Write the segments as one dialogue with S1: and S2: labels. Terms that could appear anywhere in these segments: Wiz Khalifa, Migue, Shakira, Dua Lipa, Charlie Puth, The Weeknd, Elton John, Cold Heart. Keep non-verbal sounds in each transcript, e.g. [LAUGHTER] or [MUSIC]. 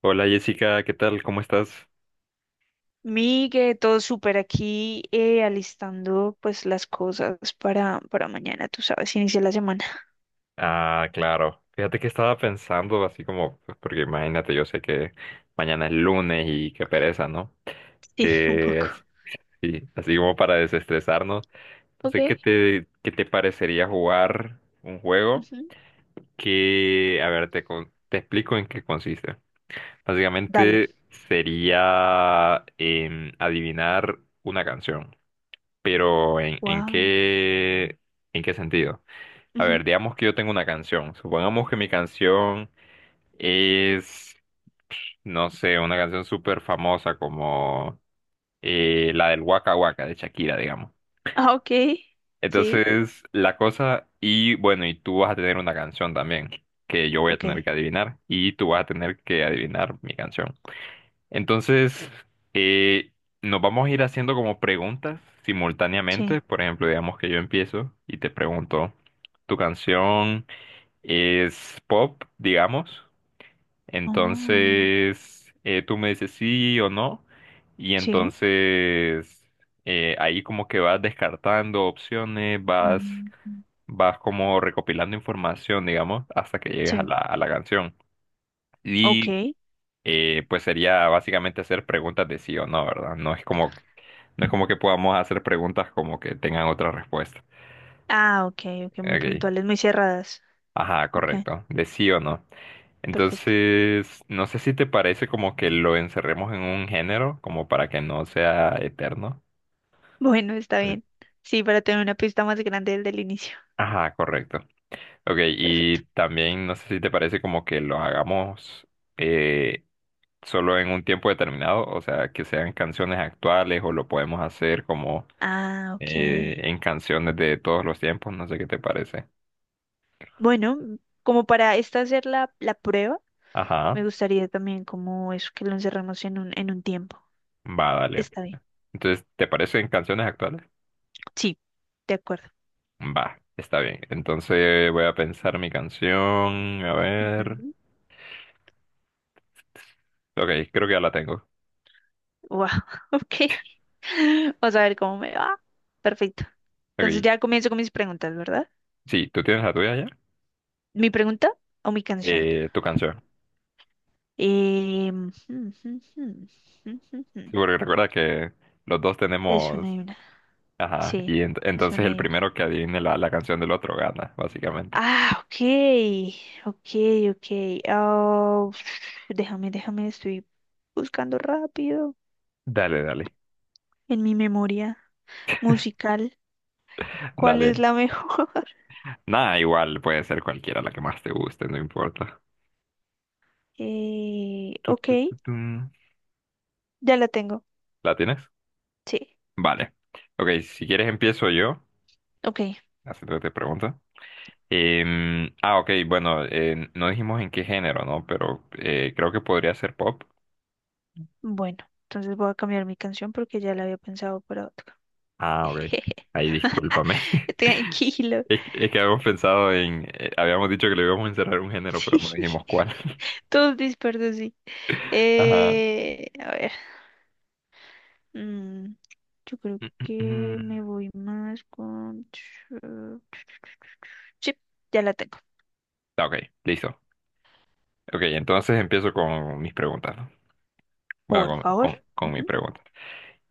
S1: Hola Jessica, ¿qué tal? ¿Cómo estás?
S2: Migue, todo súper aquí, alistando pues las cosas para mañana, tú sabes, inicia la semana. [LAUGHS]
S1: Ah, claro. Fíjate que estaba pensando así como, pues, porque imagínate, yo sé que mañana es lunes y qué pereza, ¿no?
S2: Sí, un poco.
S1: Así, sí, así como para desestresarnos.
S2: Ok,
S1: Entonces, ¿qué te parecería jugar un juego
S2: ujú.
S1: que, a ver, te explico en qué consiste.
S2: Dale.
S1: Básicamente sería adivinar una canción, pero ¿en, en
S2: Wow.
S1: qué, en qué sentido? A
S2: Ujú.
S1: ver, digamos que yo tengo una canción. Supongamos que mi canción es, no sé, una canción súper famosa como la del Waka Waka de Shakira, digamos.
S2: Ah, ok. Sí.
S1: Entonces, la cosa, y bueno, y tú vas a tener una canción también, que yo voy a tener
S2: Ok.
S1: que adivinar, y tú vas a tener que adivinar mi canción. Entonces, eh, nos vamos a ir haciendo como preguntas simultáneamente.
S2: Sí.
S1: Por ejemplo, digamos que yo empiezo y te pregunto, ¿tu es pop, digamos?
S2: Oh,
S1: Entonces, tú me dices sí o no. Y
S2: sí.
S1: entonces, ahí como que vas descartando opciones,
S2: Oh,
S1: vas, vas como recopilando información, digamos, hasta que llegues a
S2: sí.
S1: la canción.
S2: Ok.
S1: Y pues sería básicamente hacer preguntas de sí o no, ¿verdad? No es como que podamos hacer preguntas como que tengan otra respuesta.
S2: Ah, ok, ok, muy
S1: Ok.
S2: puntuales, muy cerradas.
S1: Ajá,
S2: Ok,
S1: correcto. De sí o no.
S2: perfecto. [LAUGHS]
S1: Entonces, no sé si te parece como que lo encerremos en un género, como para que no sea eterno.
S2: Bueno, está
S1: Eh,
S2: bien. Sí, para tener una pista más grande del inicio.
S1: Ajá, correcto. Ok,
S2: Perfecto.
S1: y también no sé si te parece como que lo hagamos eh, solo en un tiempo determinado, o sea, que sean canciones actuales o lo podemos hacer como
S2: Ah, ok.
S1: en canciones de todos los tiempos, no sé qué te parece.
S2: Bueno, como para esta hacer la prueba, me
S1: Ajá,
S2: gustaría también como eso que lo encerramos en un tiempo.
S1: va, dale.
S2: Está bien.
S1: Entonces, ¿te parece en canciones actuales?
S2: Sí, de acuerdo.
S1: Va, está bien. Entonces voy a pensar mi canción. A ver.
S2: Ujú.
S1: Ok, creo que ya la tengo.
S2: Wow, [LAUGHS] ok. [LAUGHS] Vamos a ver cómo me va. Perfecto. Entonces
S1: Ok.
S2: ya comienzo con mis preguntas, ¿verdad?
S1: Sí, ¿tú tienes la tuya ya?
S2: ¿Mi pregunta o mi canción?
S1: Tu canción.
S2: Em, [LAUGHS]
S1: Sí, porque recuerda que los dos
S2: Es
S1: tenemos.
S2: una y una.
S1: Ajá.
S2: Sí,
S1: Y
S2: es
S1: entonces
S2: una
S1: el
S2: y una.
S1: primero que adivine la, la canción del otro gana, básicamente.
S2: Ah, ok, ok, ok. Ah, [SNIFFS] déjame, estoy buscando rápido
S1: Dale, dale.
S2: en mi memoria musical. ¿Cuál es
S1: Dale.
S2: la mejor? [LAUGHS]
S1: Nada, igual puede ser cualquiera la que más te guste, no importa. Tu,
S2: Ok,
S1: tu, tu, tum.
S2: ya la tengo.
S1: ¿La tienes?
S2: Sí,
S1: Vale. Ok, si quieres empiezo yo,
S2: ok.
S1: haciéndote pregunta. Ok, bueno, no dijimos en qué género, ¿no? Pero creo que podría ser pop.
S2: Bueno, entonces voy a cambiar mi canción porque ya la había pensado para otra.
S1: Ah, ok.
S2: [LAUGHS]
S1: Ahí discúlpame. [LAUGHS]
S2: Tranquilo.
S1: Es que habíamos pensado en, habíamos dicho que le íbamos a encerrar un género, pero
S2: Sí,
S1: no dijimos cuál.
S2: [LAUGHS] todos dispersos, sí.
S1: [LAUGHS] Ajá.
S2: A ver. Mm, yo creo
S1: Mm, mm,
S2: que
S1: mm.
S2: me voy más con... [SNIFFS] Sí, ya la tengo.
S1: Ah, ok, listo. Ok, entonces empiezo con mis preguntas, ¿no? Bueno,
S2: Por
S1: con,
S2: favor.
S1: con, con mi
S2: Ujú.
S1: pregunta.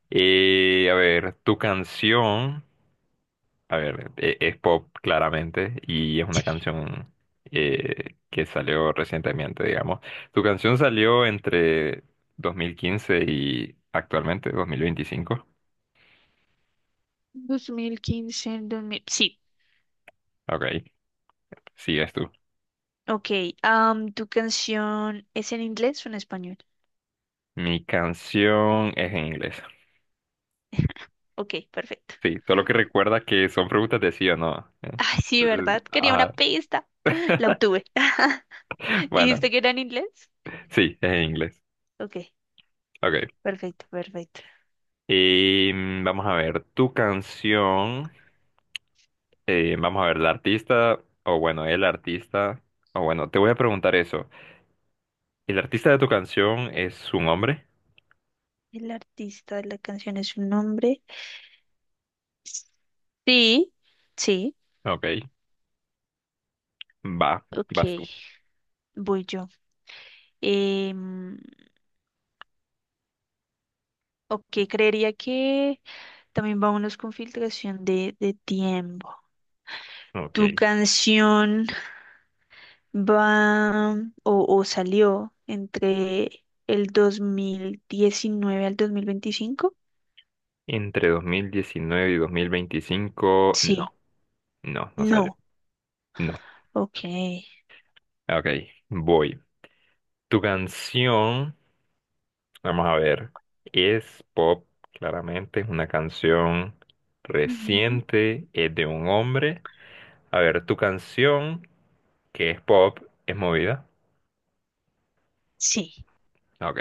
S1: A ver, tu canción. A ver, es pop claramente y es una canción que salió recientemente, digamos. Tu canción salió entre 2015 y actualmente 2025.
S2: 2015, dos mil... Sí,
S1: Ok, sigues tú.
S2: ok. ¿Tu canción es en inglés o en español?
S1: Mi canción es en inglés.
S2: [LAUGHS] Ok, perfecto.
S1: Sí, solo que recuerda que son preguntas de sí o no, ¿eh?
S2: Ay, sí,
S1: Entonces,
S2: ¿verdad? Quería una
S1: ajá.
S2: pista. [LAUGHS] La
S1: [LAUGHS]
S2: obtuve. [LAUGHS]
S1: Bueno,
S2: ¿Dijiste que era en inglés?
S1: sí, es en inglés.
S2: Ok,
S1: Ok.
S2: perfecto.
S1: Y mm, vamos a ver, tu canción. Vamos a ver, la artista, o bueno, el artista, o bueno, te voy a preguntar eso. ¿El artista de tu canción es un hombre?
S2: El artista de la canción es un hombre. Sí, sí.
S1: Ok, va,
S2: Ok,
S1: vas tú.
S2: voy yo. Em, ok, creería que también vámonos con filtración de tiempo.
S1: Ok,
S2: ¿Tu canción va o salió entre el 2019 al 2025?
S1: entre 2019 y 2025,
S2: Sí.
S1: no, no, no sale.
S2: No.
S1: No,
S2: Ok.
S1: ok, voy. Tu canción, vamos a ver, es pop, claramente, es una canción
S2: Ujú.
S1: reciente, es de un hombre. A ver, tu canción, que es pop, es movida.
S2: Sí.
S1: Ok.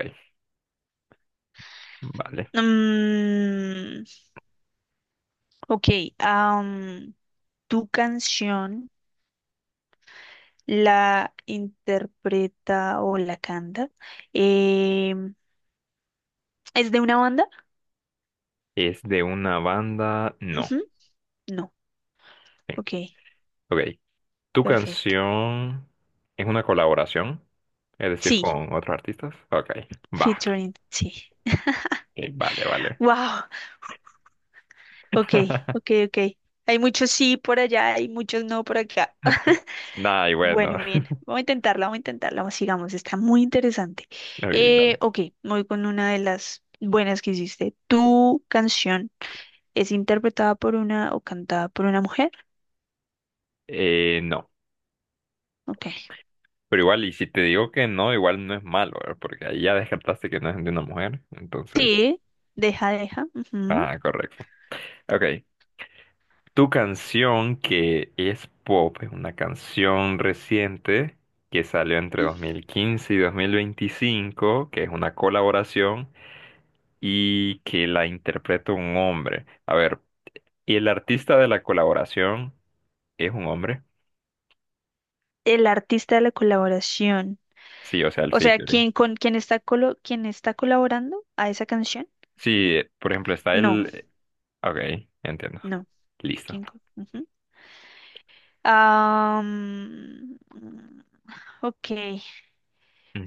S1: Vale.
S2: Mm, ok. am, ¿Tu canción la interpreta o la canta? em, ¿Es de una banda?
S1: ¿Es de una banda? No.
S2: Ujú, no.
S1: Bien.
S2: Ok,
S1: Ok. ¿Tu
S2: perfecto.
S1: canción es una colaboración? Es decir,
S2: Sí,
S1: con otros artistas. Ok. Va.
S2: featuring, sí.
S1: Ok, vale, vale.
S2: Wow, ok, ok,
S1: [LAUGHS]
S2: ok. Hay muchos sí por allá, hay muchos no por acá. [LAUGHS]
S1: Nah, y bueno.
S2: Bueno, bien,
S1: [LAUGHS]
S2: vamos a intentarla, sigamos, está muy interesante.
S1: Ok, dale.
S2: Ok, me voy con una de las buenas que hiciste. ¿Tu canción es interpretada por una o cantada por una mujer?
S1: No.
S2: Ok.
S1: Pero igual, y si te digo que no, igual no es malo, ¿verdad? Porque ahí ya descartaste que no es de una mujer. Entonces.
S2: Sí, deja. Ujú.
S1: Ah, correcto. Ok. Tu canción que es pop, es una canción reciente que salió entre 2015 y 2025, que es una colaboración y que la interpreta un hombre. A ver, ¿y el artista de la colaboración es un hombre?
S2: El artista de la colaboración.
S1: Sí, o sea, el
S2: O sea,
S1: featuring.
S2: ¿quién con quién está quién está colaborando a esa canción?
S1: Sí, por ejemplo, está
S2: No,
S1: el... Ok, entiendo.
S2: no.
S1: Listo.
S2: Ujú. Ah, ok,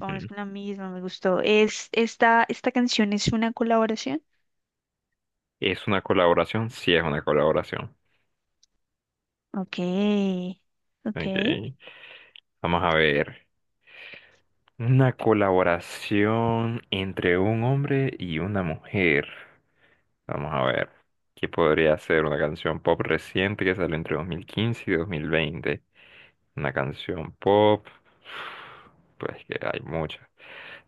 S2: vámonos con la misma, me gustó. ¿Esta canción es una colaboración?
S1: ¿Es una colaboración? Sí, es una colaboración.
S2: Ok, ok.
S1: Ok, vamos a ver. Una colaboración entre un hombre y una mujer. Vamos a ver. ¿Qué podría ser? Una canción pop reciente que salió entre 2015 y 2020. Una canción pop. Pues que hay muchas.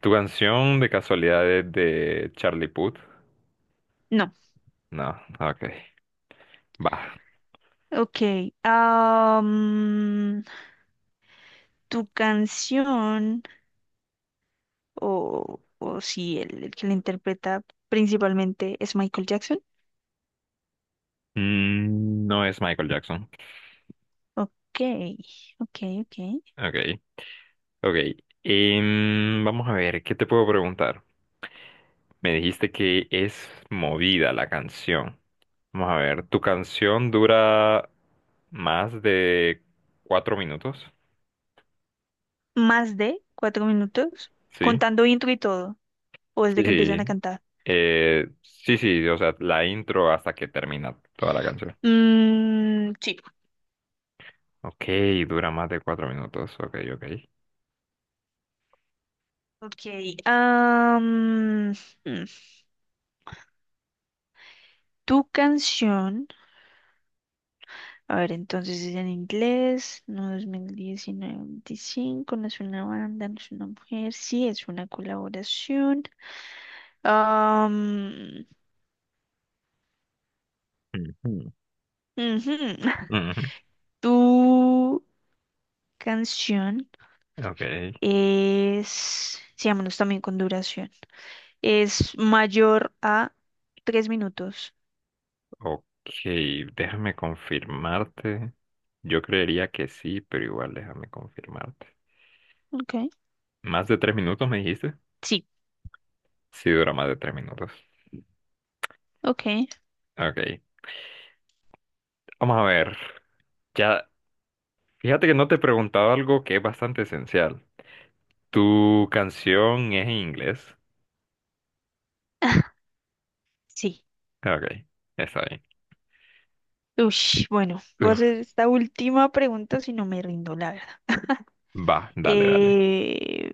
S1: ¿Tu canción de casualidad es de Charlie Puth?
S2: No,
S1: No, ok. Va.
S2: ok. Ah, tu canción, o si el que la interpreta principalmente es Michael Jackson.
S1: Mm, no es Michael Jackson.
S2: Ok, ok, ok.
S1: Ok, ok. Vamos a ver, ¿qué te puedo preguntar? Me dijiste que es movida la canción. Vamos a ver, ¿tu canción dura más de 4 minutos?
S2: Más de 4 minutos,
S1: Sí.
S2: contando intro y todo, o desde que empiezan
S1: Sí.
S2: a cantar.
S1: Sí, sí, o sea, la intro hasta que termina toda la canción.
S2: Sí,
S1: Ok, dura más de 4 minutos. Ok, ok.
S2: ok. Mm, Tu canción, a ver, entonces es en inglés, no 2019, 25, no es una banda, no es una mujer, sí, es una colaboración. Am,
S1: Ujú.
S2: ujú. [LAUGHS]
S1: Ujú.
S2: Tu canción
S1: Ok,
S2: es, sí, vámonos también con duración. Es mayor a 3 minutos.
S1: ok, déjame confirmarte. Yo creería que sí, pero igual déjame confirmarte.
S2: Ok,
S1: ¿Más de 3 minutos me dijiste?
S2: sí,
S1: Sí, dura más de 3 minutos.
S2: ok.
S1: Ok, vamos a ver. Ya. Fíjate que no te he preguntado algo que es bastante esencial. ¿Tu canción es en inglés?
S2: [LAUGHS] Sí.
S1: Ah, ok, está bien.
S2: Ush, bueno, voy a
S1: Uf,
S2: hacer esta última pregunta si no me rindo, la verdad.
S1: va, dale, dale.
S2: Eh,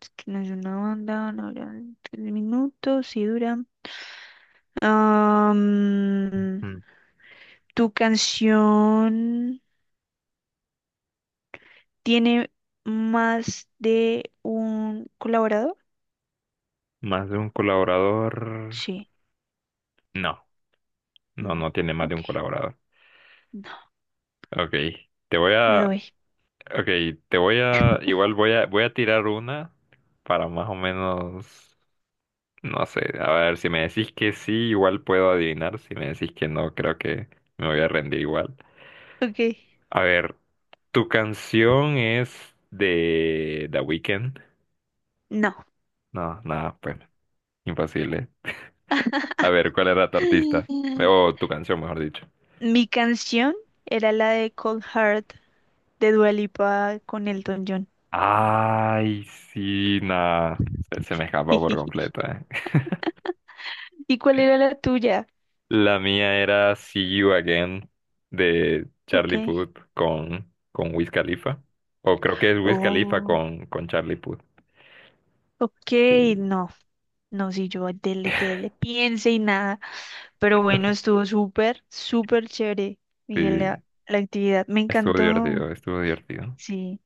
S2: es que no es una banda, no dura 3 minutos, sí dura. Am,
S1: Mm,
S2: ¿Tu canción tiene más de un colaborador?
S1: ¿más de un colaborador?
S2: Sí,
S1: No, no,
S2: no,
S1: no tiene más de
S2: ok,
S1: un colaborador.
S2: no,
S1: Ok, te voy
S2: me
S1: a...
S2: doy.
S1: Ok, te voy a... Igual voy a, voy a tirar una para más o menos... No sé, a ver, si me decís que sí, igual puedo adivinar. Si me decís que no, creo que me voy a rendir igual.
S2: Ok,
S1: A ver, ¿tu canción es de The Weeknd?
S2: no.
S1: No, nada, pues, imposible. A ver, ¿cuál era tu artista?
S2: [LAUGHS]
S1: O tu canción, mejor dicho.
S2: Mi canción era la de Cold Heart de Dua Lipa con Elton John.
S1: Ay, sí, nada. Se me escapa por
S2: [LAUGHS]
S1: completo, eh. [LAUGHS]
S2: ¿Y cuál era la tuya?
S1: La mía era See You Again de
S2: Ok.
S1: Charlie Puth con Wiz Khalifa. O creo que es Wiz Khalifa
S2: Oh,
S1: con Charlie Puth.
S2: ok,
S1: Sí,
S2: no. No, si yo dele que le piense y nada. Pero bueno, estuvo súper, súper chévere, Miguel,
S1: sí,
S2: la actividad. Me
S1: estuvo
S2: encantó.
S1: divertido, estuvo divertido.
S2: Sí,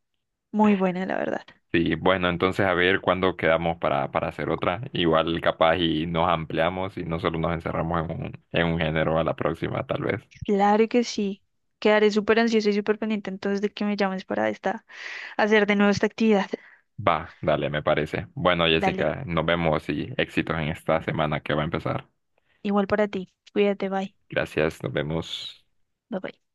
S2: muy buena, la verdad.
S1: Sí, bueno, entonces a ver cuándo quedamos para hacer otra. Igual capaz y nos ampliamos y no solo nos encerramos en un género a la próxima, tal vez.
S2: Claro que sí. Quedaré súper ansiosa y súper pendiente entonces de que me llames para esta, hacer de nuevo esta actividad. [LAUGHS]
S1: Va, dale, me parece. Bueno,
S2: Dale.
S1: Jessica, nos vemos y éxitos en esta semana que va a empezar.
S2: Igual para ti. Cuídate, bye.
S1: Gracias, nos vemos.
S2: Bye bye.